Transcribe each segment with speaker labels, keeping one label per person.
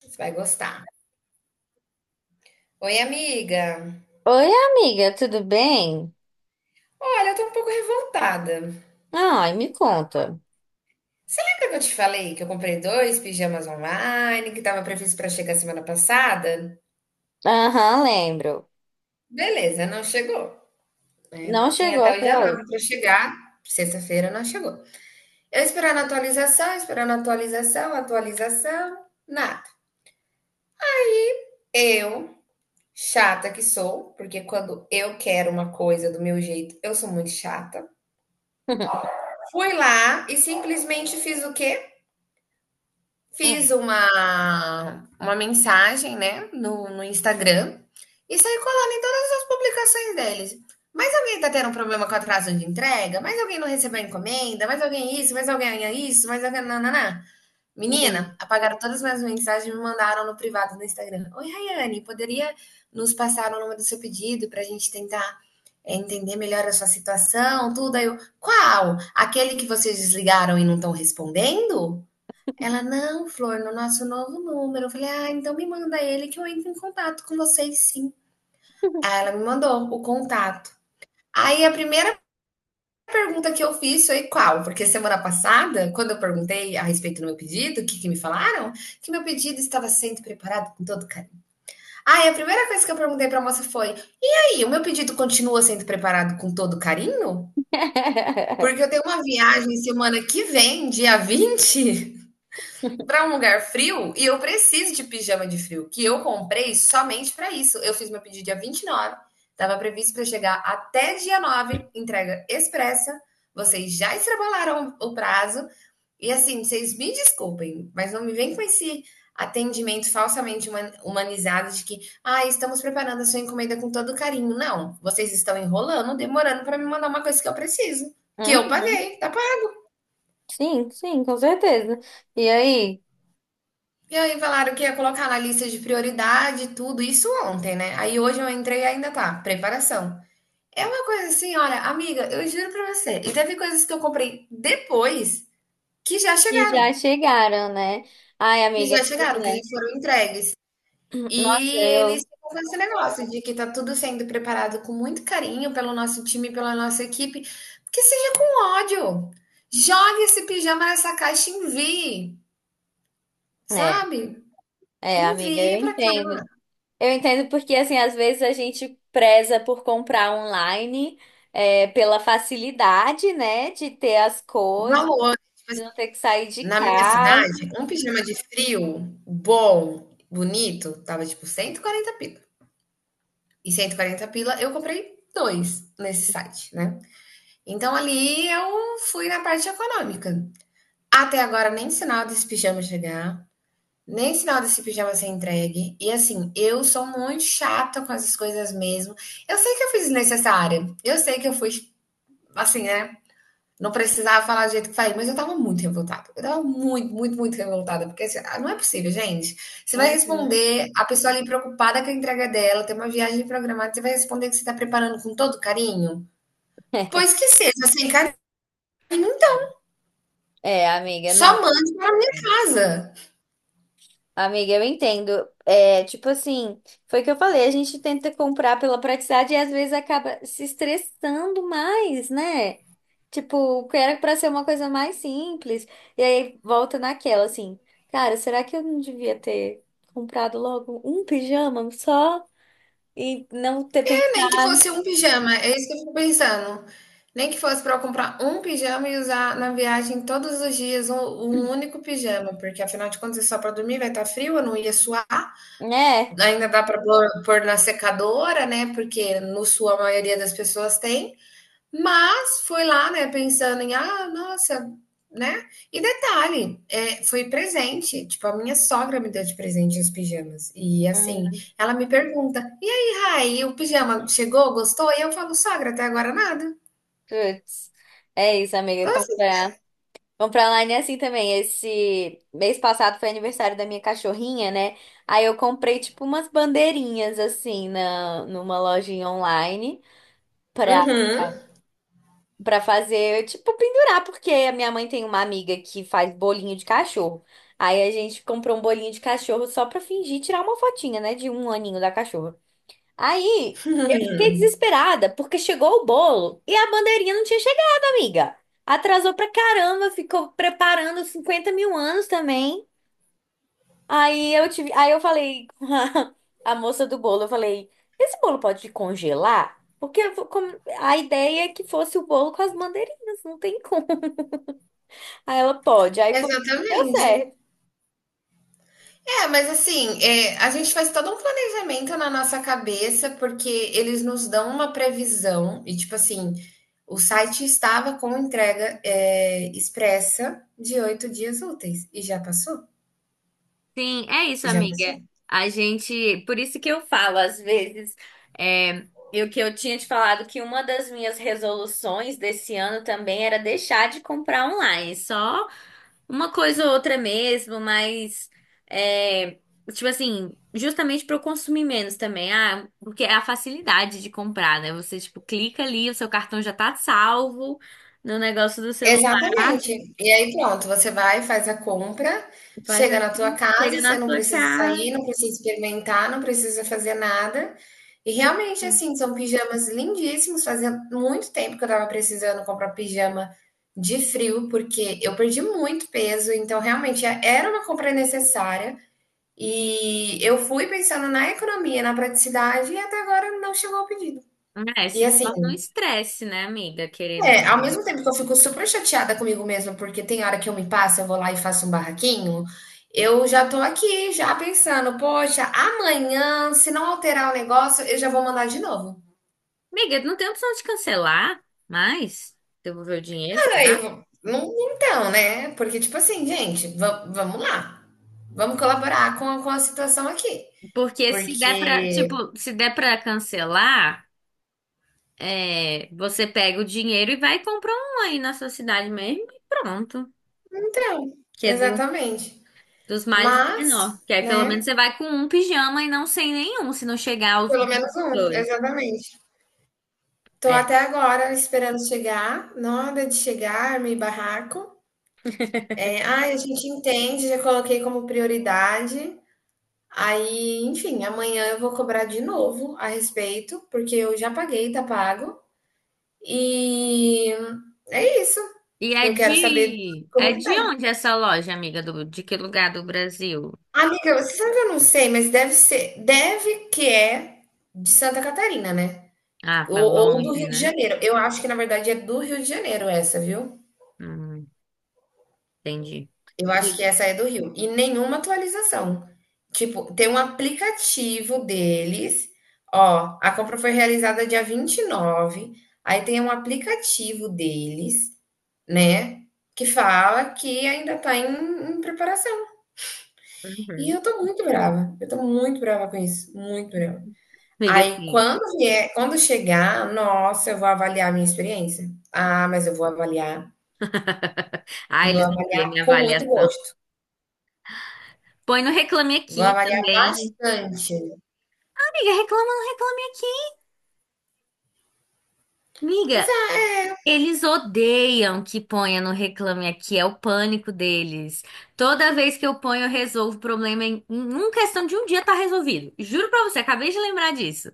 Speaker 1: Você vai gostar. Oi, amiga.
Speaker 2: Oi, amiga, tudo bem?
Speaker 1: Olha, eu tô um pouco revoltada.
Speaker 2: Ai, me conta.
Speaker 1: Você lembra que eu te falei que eu comprei dois pijamas online, que tava previsto pra chegar semana passada?
Speaker 2: Aham, lembro.
Speaker 1: Beleza, não chegou, né?
Speaker 2: Não
Speaker 1: Tinha
Speaker 2: chegou
Speaker 1: até o
Speaker 2: até
Speaker 1: dia
Speaker 2: hoje.
Speaker 1: 9 para chegar, sexta-feira não chegou. Eu esperando atualização, atualização, nada. Eu, chata que sou, porque quando eu quero uma coisa do meu jeito, eu sou muito chata. Fui lá e simplesmente fiz o quê? Fiz
Speaker 2: Hum,
Speaker 1: uma mensagem, né, no Instagram e saí colando em todas as publicações deles. Mas alguém tá tendo um problema com atraso de entrega? Mais alguém não recebeu a encomenda? Mais alguém isso, mais alguém isso, mais alguém nã-nã-nã".
Speaker 2: hum.
Speaker 1: Menina, apagaram todas as minhas mensagens e me mandaram no privado do Instagram: "Oi, Raiane, poderia nos passar o número do seu pedido pra gente tentar, entender melhor a sua situação, tudo?". Aí eu: "Qual? Aquele que vocês desligaram e não estão respondendo?". Ela, não, Flor, no nosso novo número. Eu falei, ah, então me manda ele que eu entro em contato com vocês, sim. Aí ela me mandou o contato. Aí a primeira pergunta que eu fiz foi qual? Porque semana passada, quando eu perguntei a respeito do meu pedido, o que, que me falaram? Que meu pedido estava sendo preparado com todo carinho. Aí ah, a primeira coisa que eu perguntei para a moça foi: "E aí, o meu pedido continua sendo preparado com todo carinho? Porque eu tenho uma viagem semana que vem, dia 20, para um lugar frio e eu preciso de pijama de frio, que eu comprei somente para isso. Eu fiz meu pedido dia 29, estava previsto para chegar até dia 9, entrega expressa. Vocês já extrapolaram o prazo. E assim, vocês me desculpem, mas não me vem com esse atendimento falsamente humanizado de que, ah, estamos preparando a sua encomenda com todo carinho. Não, vocês estão enrolando, demorando para me mandar uma coisa que eu preciso, que eu
Speaker 2: Uhum.
Speaker 1: paguei, tá.
Speaker 2: Sim, sim, com certeza. E aí?
Speaker 1: E aí falaram que ia colocar na lista de prioridade tudo isso ontem, né? Aí hoje eu entrei e ainda tá, preparação. É uma coisa assim, olha, amiga, eu juro pra você. E teve coisas que eu comprei depois que já
Speaker 2: E
Speaker 1: chegaram,
Speaker 2: já chegaram, né? Ai,
Speaker 1: que
Speaker 2: amiga,
Speaker 1: já
Speaker 2: pois
Speaker 1: chegaram, que já
Speaker 2: é.
Speaker 1: foram entregues.
Speaker 2: Nossa,
Speaker 1: E eles
Speaker 2: eu.
Speaker 1: ficam com esse negócio de que tá tudo sendo preparado com muito carinho pelo nosso time, pela nossa equipe, que seja com ódio. Jogue esse pijama nessa caixa e envie,
Speaker 2: É,
Speaker 1: sabe?
Speaker 2: é, amiga, eu
Speaker 1: Envie pra cá.
Speaker 2: entendo. Eu entendo porque, assim, às vezes a gente preza por comprar online, é, pela facilidade, né, de ter as coisas.
Speaker 1: Valor.
Speaker 2: De não ter que sair de
Speaker 1: Na minha
Speaker 2: casa.
Speaker 1: cidade, um pijama de frio bom, bonito, tava tipo 140 pila. E 140 pila eu comprei 2 nesse site, né. Então ali eu fui na parte econômica. Até agora nem sinal desse pijama chegar, nem sinal desse pijama ser entregue. E assim, eu sou muito chata com essas coisas mesmo. Eu sei que eu fui desnecessária, eu sei que eu fui, assim, né. Não precisava falar do jeito que falei, mas eu tava muito revoltada. Eu tava muito, muito, muito revoltada, porque assim, ah, não é possível, gente. Você vai
Speaker 2: Uhum.
Speaker 1: responder, a pessoa ali preocupada com a entrega dela, tem uma viagem programada, você vai responder que você tá preparando com todo carinho? Pois que seja, sem carinho, então.
Speaker 2: É, amiga,
Speaker 1: Só
Speaker 2: não.
Speaker 1: mande pra minha casa.
Speaker 2: Amiga, eu entendo. É, tipo assim, foi o que eu falei, a gente tenta comprar pela praticidade e às vezes acaba se estressando mais, né? Tipo, o que era pra ser uma coisa mais simples. E aí volta naquela, assim, cara, será que eu não devia ter comprado logo um pijama só e não ter pensado,
Speaker 1: É, nem que fosse um pijama, é isso que eu fico pensando. Nem que fosse pra eu comprar um pijama e usar na viagem todos os dias um único pijama, porque afinal de contas é só pra dormir, vai estar frio, eu não ia suar.
Speaker 2: né?
Speaker 1: Ainda dá para pôr na secadora, né? Porque no sul a maioria das pessoas tem, mas foi lá, né? Pensando em, ah, nossa, né? E detalhe, é, foi presente. Tipo, a minha sogra me deu de presente os pijamas. E assim,
Speaker 2: Hum,
Speaker 1: ela me pergunta: e aí, Rai, o pijama chegou, gostou? E eu falo: sogra, até agora nada.
Speaker 2: putz. É isso, amiga,
Speaker 1: Então, assim,
Speaker 2: comprar. Vamos pra online é assim também. Esse mês passado foi aniversário da minha cachorrinha, né? Aí eu comprei tipo umas bandeirinhas assim na numa lojinha online pra
Speaker 1: uhum,
Speaker 2: para fazer, tipo, pendurar, porque a minha mãe tem uma amiga que faz bolinho de cachorro. Aí a gente comprou um bolinho de cachorro só pra fingir tirar uma fotinha, né, de um aninho da cachorra. Aí eu fiquei desesperada porque chegou o bolo e a bandeirinha não tinha chegado, amiga. Atrasou pra caramba, ficou preparando 50 mil anos também. Aí eu falei com a, a moça do bolo, eu falei, esse bolo pode congelar? Porque eu vou a ideia é que fosse o bolo com as bandeirinhas, não tem como. Aí ela pode, aí foi, deu
Speaker 1: exatamente.
Speaker 2: certo.
Speaker 1: É, mas assim, é, a gente faz todo um planejamento na nossa cabeça, porque eles nos dão uma previsão, e tipo assim, o site estava com entrega, é, expressa de 8 dias úteis, e já passou,
Speaker 2: Sim, é isso,
Speaker 1: já
Speaker 2: amiga.
Speaker 1: passou.
Speaker 2: A gente, por isso que eu falo às vezes, é, e o que eu tinha te falado que uma das minhas resoluções desse ano também era deixar de comprar online, só uma coisa ou outra mesmo, mas é, tipo assim, justamente para eu consumir menos também, ah, porque é a facilidade de comprar, né? Você tipo clica ali, o seu cartão já tá salvo no negócio do celular,
Speaker 1: Exatamente. E aí pronto, você vai, faz a compra,
Speaker 2: faz
Speaker 1: chega na tua
Speaker 2: assim, chega
Speaker 1: casa, você
Speaker 2: na
Speaker 1: não
Speaker 2: sua
Speaker 1: precisa
Speaker 2: casa.
Speaker 1: sair, não precisa experimentar, não precisa fazer nada. E realmente, assim, são pijamas lindíssimos. Fazia muito tempo que eu estava precisando comprar pijama de frio, porque eu perdi muito peso, então realmente era uma compra necessária. E eu fui pensando na economia, na praticidade, e até agora não chegou o pedido.
Speaker 2: É,
Speaker 1: E
Speaker 2: se
Speaker 1: assim,
Speaker 2: torna um estresse, né, amiga? Querendo.
Speaker 1: é, ao mesmo tempo que eu fico super chateada comigo mesma, porque tem hora que eu me passo, eu vou lá e faço um barraquinho, eu já tô aqui, já pensando, poxa, amanhã, se não alterar o negócio, eu já vou mandar de novo.
Speaker 2: Amiga, não tem opção de cancelar mais? Devolver o dinheiro,
Speaker 1: Aí eu
Speaker 2: será?
Speaker 1: não, então, né? Porque, tipo assim, gente, vamos lá. Vamos colaborar com a situação aqui.
Speaker 2: Porque se der pra,
Speaker 1: Porque.
Speaker 2: tipo, se der pra cancelar, é, você pega o dinheiro e vai e compra um aí na sua cidade mesmo e pronto.
Speaker 1: Então,
Speaker 2: Que é do,
Speaker 1: exatamente.
Speaker 2: dos mais e menor.
Speaker 1: Mas,
Speaker 2: Que aí pelo menos
Speaker 1: né?
Speaker 2: você vai com um pijama e não sem nenhum, se não chegar aos
Speaker 1: Pelo menos um,
Speaker 2: dois.
Speaker 1: exatamente. Tô
Speaker 2: É.
Speaker 1: até agora esperando chegar, nada de chegar, armei barraco. É, ai, a gente entende, já coloquei como prioridade. Aí, enfim, amanhã eu vou cobrar de novo a respeito, porque eu já paguei, tá pago. E é isso.
Speaker 2: E
Speaker 1: Eu quero saber como
Speaker 2: é
Speaker 1: que
Speaker 2: de
Speaker 1: tá.
Speaker 2: onde essa loja, amiga? Do, de que lugar do Brasil?
Speaker 1: Amiga, você sabe que eu não sei, mas deve que é de Santa Catarina, né?
Speaker 2: Ah, tá
Speaker 1: Ou do
Speaker 2: longe,
Speaker 1: Rio de
Speaker 2: né?
Speaker 1: Janeiro. Eu acho que, na verdade, é do Rio de Janeiro essa, viu?
Speaker 2: Hum, entendi.
Speaker 1: Eu acho que essa é do Rio. E nenhuma atualização. Tipo, tem um aplicativo deles, ó, a compra foi realizada dia 29. Aí tem um aplicativo deles, né, que fala que ainda tá em preparação. E
Speaker 2: Uhum.
Speaker 1: eu tô muito brava, eu tô muito brava com isso, muito brava.
Speaker 2: Amiga,
Speaker 1: Aí
Speaker 2: assim.
Speaker 1: quando vier, quando chegar, nossa, eu vou avaliar a minha experiência. Ah, mas eu
Speaker 2: Ah,
Speaker 1: vou
Speaker 2: eles não
Speaker 1: avaliar
Speaker 2: veem minha
Speaker 1: com muito
Speaker 2: avaliação.
Speaker 1: gosto.
Speaker 2: Põe no Reclame
Speaker 1: Vou
Speaker 2: Aqui
Speaker 1: avaliar
Speaker 2: também.
Speaker 1: bastante.
Speaker 2: Amiga, reclama no Reclame Aqui. Amiga, eles odeiam que ponha no Reclame Aqui, é o pânico deles. Toda vez que eu ponho, eu resolvo o problema em uma questão de um dia tá resolvido. Juro pra você, acabei de lembrar disso.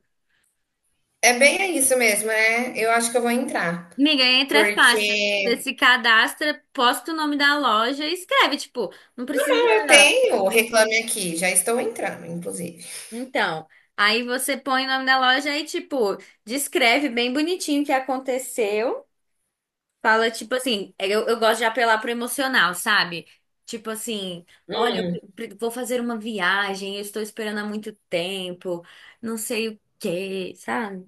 Speaker 1: É bem isso mesmo, é. Eu acho que eu vou entrar.
Speaker 2: Amiga, entra é fácil. Você
Speaker 1: Porque
Speaker 2: se cadastra, posta o nome da loja e escreve, tipo, não precisa.
Speaker 1: não, eu tenho o Reclame Aqui, já estou entrando, inclusive.
Speaker 2: Então, aí você põe o nome da loja e, tipo, descreve bem bonitinho o que aconteceu. Fala, tipo assim, é, eu gosto de apelar pro emocional, sabe? Tipo assim, olha, eu vou fazer uma viagem, eu estou esperando há muito tempo, não sei o quê, sabe?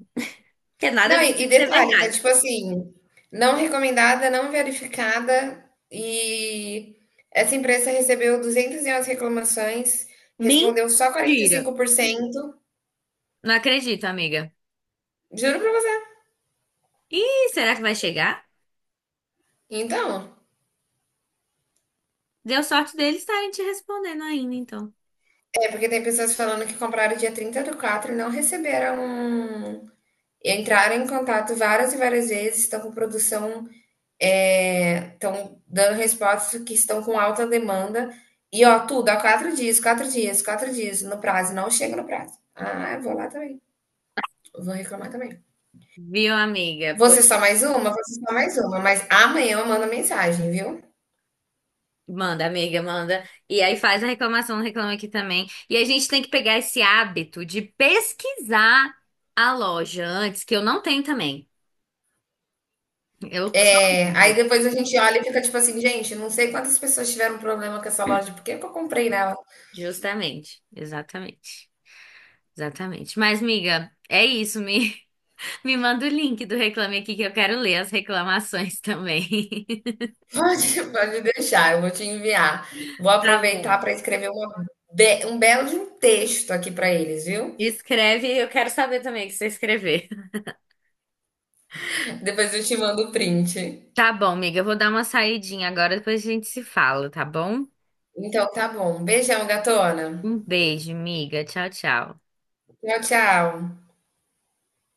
Speaker 2: Que é nada
Speaker 1: Não,
Speaker 2: deixa
Speaker 1: e
Speaker 2: de ser
Speaker 1: detalhe, tá
Speaker 2: verdade.
Speaker 1: tipo assim, não recomendada, não verificada, e essa empresa recebeu 211 reclamações, respondeu só quarenta e
Speaker 2: Mentira!
Speaker 1: cinco por cento.
Speaker 2: Não acredito, amiga.
Speaker 1: Juro pra você.
Speaker 2: E será que vai chegar?
Speaker 1: Então,
Speaker 2: Deu sorte deles estarem te respondendo ainda, então.
Speaker 1: é porque tem pessoas falando que compraram dia 30 do 4 e não receberam. Um, entraram em contato várias e várias vezes, estão com produção. É, estão dando respostas que estão com alta demanda. E, ó, tudo, há 4 dias, 4 dias, 4 dias no prazo. Não chega no prazo. Ah, eu vou lá também. Eu vou reclamar também.
Speaker 2: Viu, amiga?
Speaker 1: Você só mais uma? Você só mais uma. Mas amanhã eu mando mensagem, viu?
Speaker 2: Manda, amiga, manda. E aí faz a reclamação, reclama aqui também. E a gente tem que pegar esse hábito de pesquisar a loja antes, que eu não tenho também. Eu só
Speaker 1: É, aí
Speaker 2: compro.
Speaker 1: depois a gente olha e fica tipo assim, gente, não sei quantas pessoas tiveram problema com essa loja, por que que eu comprei nela?
Speaker 2: Justamente, exatamente. Exatamente. Mas, amiga, é isso. Me, me manda o link do Reclame Aqui que eu quero ler as reclamações também.
Speaker 1: Pode, pode deixar, eu vou te enviar. Vou
Speaker 2: Tá
Speaker 1: aproveitar
Speaker 2: bom.
Speaker 1: para escrever uma um belo de um texto aqui para eles, viu?
Speaker 2: Escreve, eu quero saber também o que você escrever.
Speaker 1: Depois eu te mando o print.
Speaker 2: Tá bom, amiga, eu vou dar uma saidinha agora, depois a gente se fala, tá bom?
Speaker 1: Então tá bom. Beijão, gatona.
Speaker 2: Um beijo, amiga. Tchau, tchau.
Speaker 1: Tchau, tchau.